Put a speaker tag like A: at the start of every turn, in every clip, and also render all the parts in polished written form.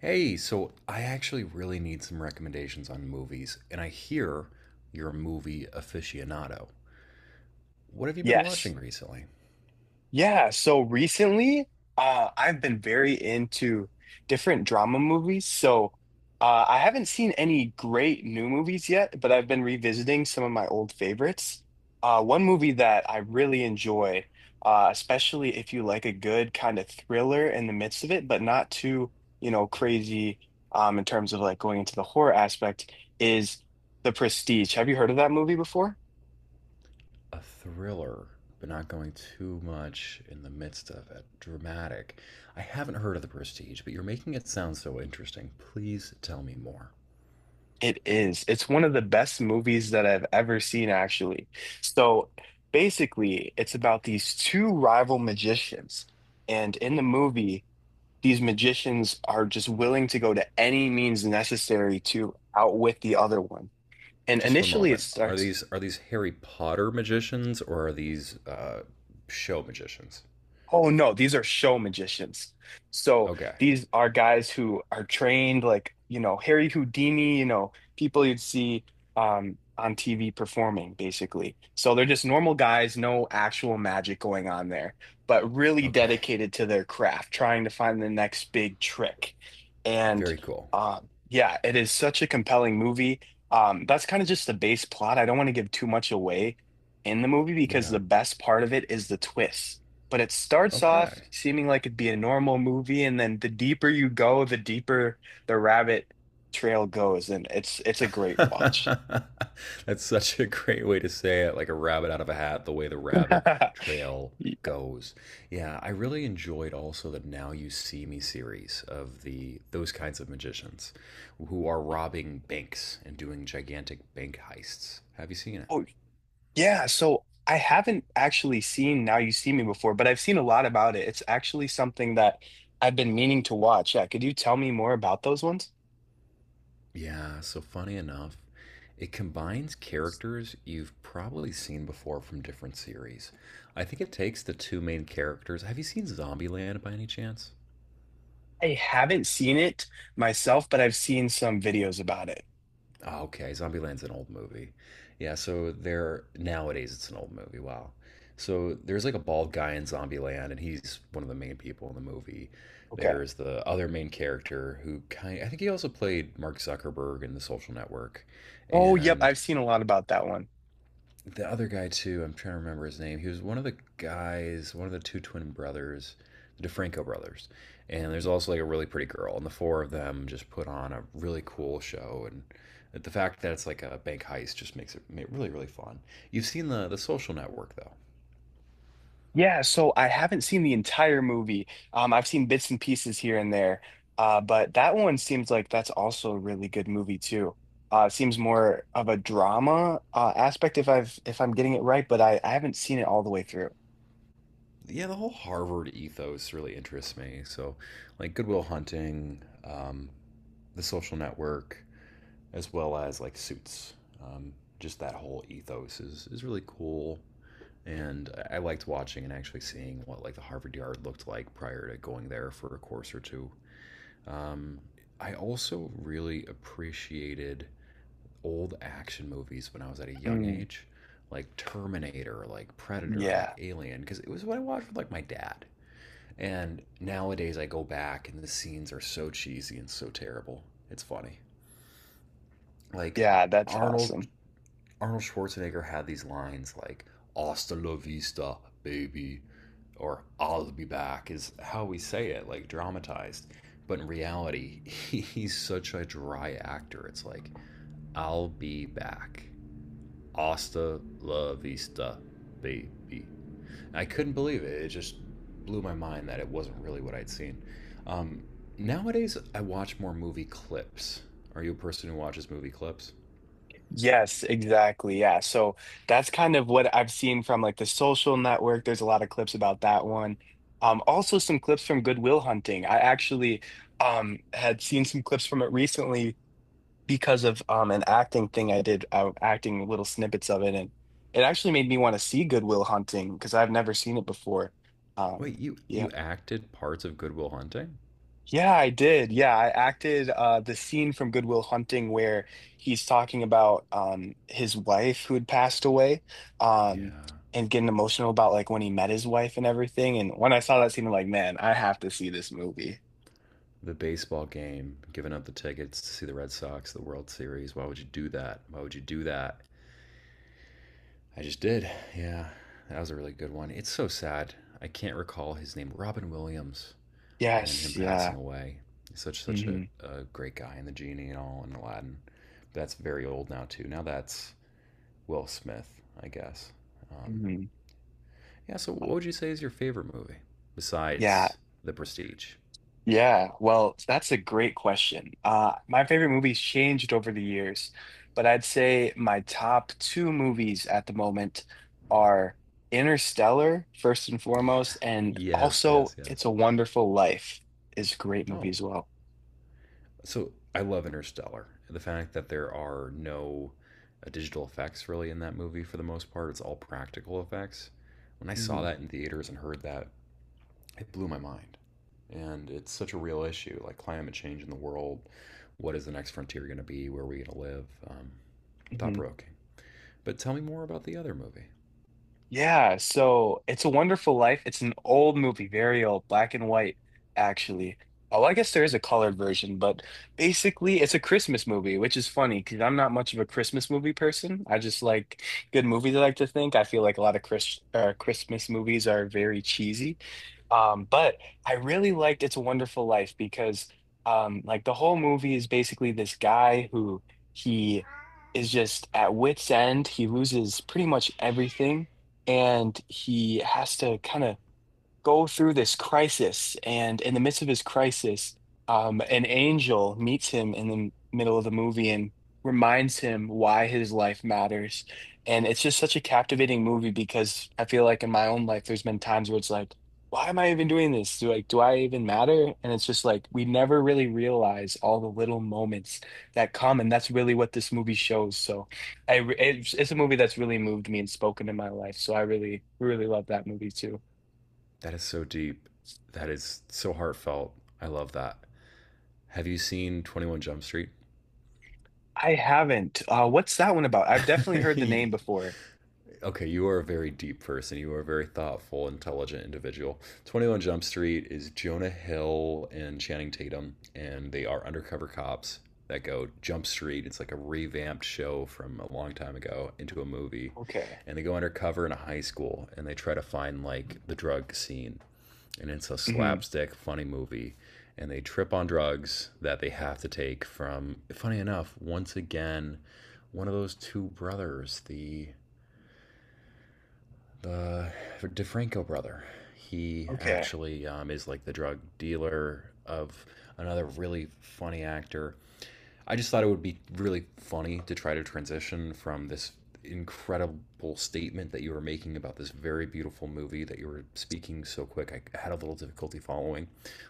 A: Hey, so I actually really need some recommendations on movies, and I hear you're a movie aficionado. What have you been
B: Yes.
A: watching recently?
B: Yeah. So recently, I've been very into different drama movies. So I haven't seen any great new movies yet, but I've been revisiting some of my old favorites. One movie that I really enjoy, especially if you like a good kind of thriller in the midst of it, but not too, crazy in terms of like going into the horror aspect, is The Prestige. Have you heard of that movie before?
A: A thriller, but not going too much in the midst of it. Dramatic. I haven't heard of The Prestige, but you're making it sound so interesting. Please tell me more.
B: It is. It's one of the best movies that I've ever seen, actually. So basically, it's about these two rival magicians. And in the movie, these magicians are just willing to go to any means necessary to outwit the other one. And
A: Just one
B: initially, it
A: moment. Are
B: starts.
A: these are these Harry Potter magicians or are these show magicians?
B: Oh no, these are show magicians. So
A: Okay.
B: these are guys who are trained like, you know, Harry Houdini, you know, people you'd see on TV performing basically. So they're just normal guys, no actual magic going on there, but really
A: Okay.
B: dedicated to their craft, trying to find the next big trick. And
A: Very cool.
B: yeah, it is such a compelling movie. That's kind of just the base plot. I don't want to give too much away in the movie because
A: Yeah.
B: the best part of it is the twist, but it starts off
A: Okay.
B: seeming like it'd be a normal movie, and then the deeper you go, the deeper the rabbit trail goes, and it's a great watch.
A: That's such a great way to say it, like a rabbit out of a hat, the way the rabbit trail goes. Yeah, I really enjoyed also the Now You See Me series of the those kinds of magicians who are robbing banks and doing gigantic bank heists. Have you seen it?
B: Oh yeah, so I haven't actually seen Now You See Me before, but I've seen a lot about it. It's actually something that I've been meaning to watch. Yeah, could you tell me more about those ones?
A: Yeah, so funny enough, it combines characters you've probably seen before from different series. I think it takes the two main characters. Have you seen Zombieland by any chance?
B: I haven't seen it myself, but I've seen some videos about it.
A: Oh, okay, Zombieland's an old movie. Yeah, so there nowadays it's an old movie. Wow. So there's like a bald guy in Zombieland, and he's one of the main people in the movie.
B: Okay.
A: There's the other main character who kind I think he also played Mark Zuckerberg in The Social Network,
B: Oh, yep,
A: and
B: I've seen a lot about that one.
A: the other guy too. I'm trying to remember his name. He was one of the guys, one of the two twin brothers, the DeFranco brothers. And there's also like a really pretty girl, and the four of them just put on a really cool show. And the fact that it's like a bank heist just makes it really really fun. You've seen the Social Network though.
B: Yeah, so I haven't seen the entire movie. I've seen bits and pieces here and there. But that one seems like that's also a really good movie too. It seems more of a drama aspect if I've if I'm getting it right, but I haven't seen it all the way through.
A: Yeah, the whole Harvard ethos really interests me. So, like Goodwill Hunting, the Social Network, as well as like Suits. Um, just that whole ethos is really cool and I liked watching and actually seeing what like the Harvard Yard looked like prior to going there for a course or two. Um, I also really appreciated old action movies when I was at a young
B: Mm,
A: age, like Terminator, like Predator,
B: yeah,
A: like Alien, because it was what I watched with like my dad. And nowadays I go back and the scenes are so cheesy and so terrible. It's funny. Like
B: yeah, that's
A: Arnold
B: awesome.
A: Arnold Schwarzenegger had these lines like "Hasta la vista, baby," or "I'll be back" is how we say it, like dramatized. But in reality, he's such a dry actor. It's like "I'll be back, hasta la vista, baby." I couldn't believe it. It just blew my mind that it wasn't really what I'd seen. Um, nowadays, I watch more movie clips. Are you a person who watches movie clips?
B: Yes, exactly. Yeah. So that's kind of what I've seen from like the social network. There's a lot of clips about that one. Also some clips from Goodwill Hunting. I actually had seen some clips from it recently because of an acting thing I did. I was acting little snippets of it, and it actually made me want to see Goodwill Hunting because I've never seen it before. Um
A: Wait, you
B: yeah.
A: you acted parts of Goodwill Hunting?
B: Yeah, I did. Yeah, I acted the scene from Goodwill Hunting where he's talking about his wife who had passed away, um,
A: Yeah.
B: and getting emotional about like when he met his wife and everything. And when I saw that scene, I'm like, man, I have to see this movie.
A: The baseball game, giving up the tickets to see the Red Sox, the World Series. Why would you do that? Why would you do that? I just did. Yeah. That was a really good one. It's so sad. I can't recall his name. Robin Williams and him
B: Yes,
A: passing
B: yeah.
A: away. Such a,
B: Hmm.
A: a great guy and the genie and all and Aladdin. But that's very old now too. Now that's Will Smith, I guess. Um,
B: Hmm.
A: yeah. So what would you say is your favorite movie
B: Yeah,
A: besides The Prestige?
B: Yeah, well, that's a great question. My favorite movies changed over the years, but I'd say my top two movies at the moment are Interstellar, first and
A: Yeah.
B: foremost, and
A: Yes.
B: also
A: Yes.
B: It's
A: Yes.
B: a Wonderful Life is a great movie
A: Oh,
B: as well.
A: so I love Interstellar. The fact that there are no digital effects really in that movie for the most part, it's all practical effects. When I saw
B: Hmm.
A: that in theaters and heard that, it blew my mind. And it's such a real issue, like climate change in the world. What is the next frontier going to be? Where are we going to live? Thought provoking. But tell me more about the other movie.
B: Yeah, so It's a Wonderful Life. It's an old movie, very old, black and white, actually. Oh, I guess there is a colored version, but basically it's a Christmas movie, which is funny because I'm not much of a Christmas movie person. I just like good movies, I like to think. I feel like a lot of Christmas movies are very cheesy. But I really liked It's a Wonderful Life because like the whole movie is basically this guy who he is just at wit's end. He loses pretty much everything, and he has to kind of go through this crisis, and in the midst of his crisis, an angel meets him in the middle of the movie and reminds him why his life matters. And it's just such a captivating movie because I feel like in my own life, there's been times where it's like, why am I even doing this? Do like, do I even matter? And it's just like we never really realize all the little moments that come, and that's really what this movie shows. So, it's a movie that's really moved me and spoken in my life. So I really, really love that movie too.
A: That is so deep. That is so heartfelt. I love that. Have you seen 21 Jump Street?
B: I haven't. What's that one about? I've definitely heard the name before.
A: Okay, you are a very deep person. You are a very thoughtful, intelligent individual. 21 Jump Street is Jonah Hill and Channing Tatum, and they are undercover cops that go Jump Street. It's like a revamped show from a long time ago into a movie.
B: Okay.
A: And they go undercover in a high school and they try to find like the drug scene. And it's a
B: Hmm.
A: slapstick, funny movie. And they trip on drugs that they have to take from, funny enough, once again, one of those two brothers, the the DeFranco brother. He
B: Okay.
A: actually is like the drug dealer of another really funny actor. I just thought it would be really funny to try to transition from this incredible statement that you were making about this very beautiful movie that you were speaking so quick. I had a little difficulty following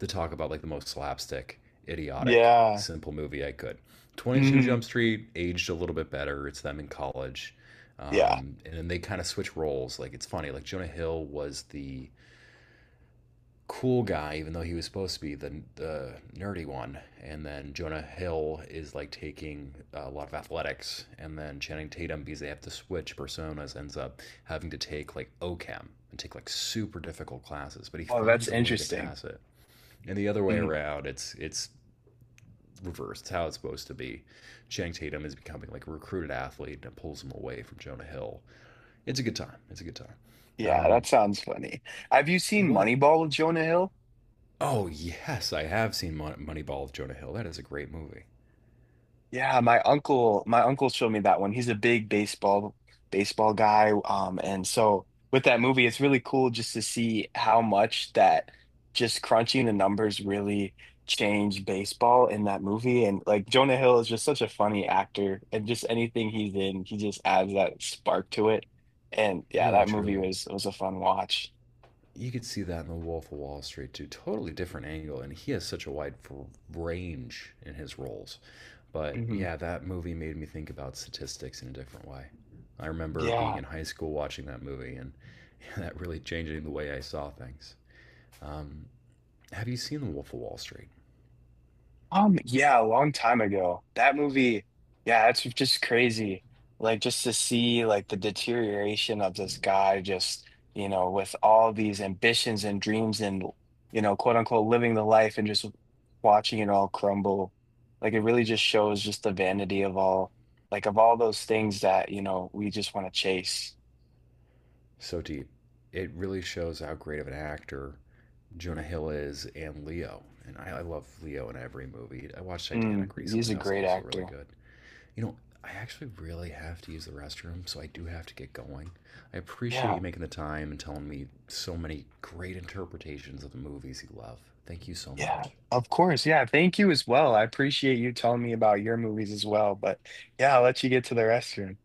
A: to talk about like the most slapstick, idiotic,
B: Yeah.
A: simple movie I could. 22
B: Hmm.
A: Jump Street aged a little bit better. It's them in college.
B: Yeah.
A: And then they kind of switch roles. Like it's funny. Like Jonah Hill was the cool guy, even though he was supposed to be the nerdy one. And then Jonah Hill is like taking a lot of athletics, and then Channing Tatum because they have to switch personas ends up having to take like OChem and take like super difficult classes, but he
B: Oh, that's
A: finds a way to
B: interesting.
A: pass it. And the other way
B: Hmm.
A: around, it's reversed. It's how it's supposed to be. Channing Tatum is becoming like a recruited athlete and it pulls him away from Jonah Hill. It's a good time. It's a good time.
B: Yeah, that
A: Um,
B: sounds funny. Have you seen
A: what
B: Moneyball with Jonah Hill?
A: Oh yes, I have seen Moneyball with Jonah Hill. That is a great movie.
B: Yeah, my uncle showed me that one. He's a big baseball guy. And so with that movie, it's really cool just to see how much that just crunching the numbers really changed baseball in that movie. And like Jonah Hill is just such a funny actor, and just anything he's in, he just adds that spark to it. And yeah,
A: Really,
B: that movie
A: truly.
B: was a fun watch.
A: You could see that in The Wolf of Wall Street too. Totally different angle, and he has such a wide range in his roles. But
B: Hmm.
A: yeah, that movie made me think about statistics in a different way. I remember being
B: Yeah.
A: in high school watching that movie, and yeah, that really changing the way I saw things. Um, have you seen The Wolf of Wall Street?
B: Yeah, a long time ago. That movie, yeah, it's just crazy. Like just to see like the deterioration of this guy just, you know, with all these ambitions and dreams and, you know, quote unquote living the life and just watching it all crumble. Like it really just shows just the vanity of all of all those things that, you know, we just want to chase.
A: So deep. It really shows how great of an actor Jonah Hill is and Leo. And I love Leo in every movie. I watched
B: Mm,
A: Titanic
B: he's
A: recently.
B: a
A: That was
B: great
A: also really
B: actor.
A: good. You know, I actually really have to use the restroom, so I do have to get going. I appreciate
B: Yeah.
A: you making the time and telling me so many great interpretations of the movies you love. Thank you so
B: Yeah,
A: much.
B: of course. Yeah, thank you as well. I appreciate you telling me about your movies as well. But yeah, I'll let you get to the restroom.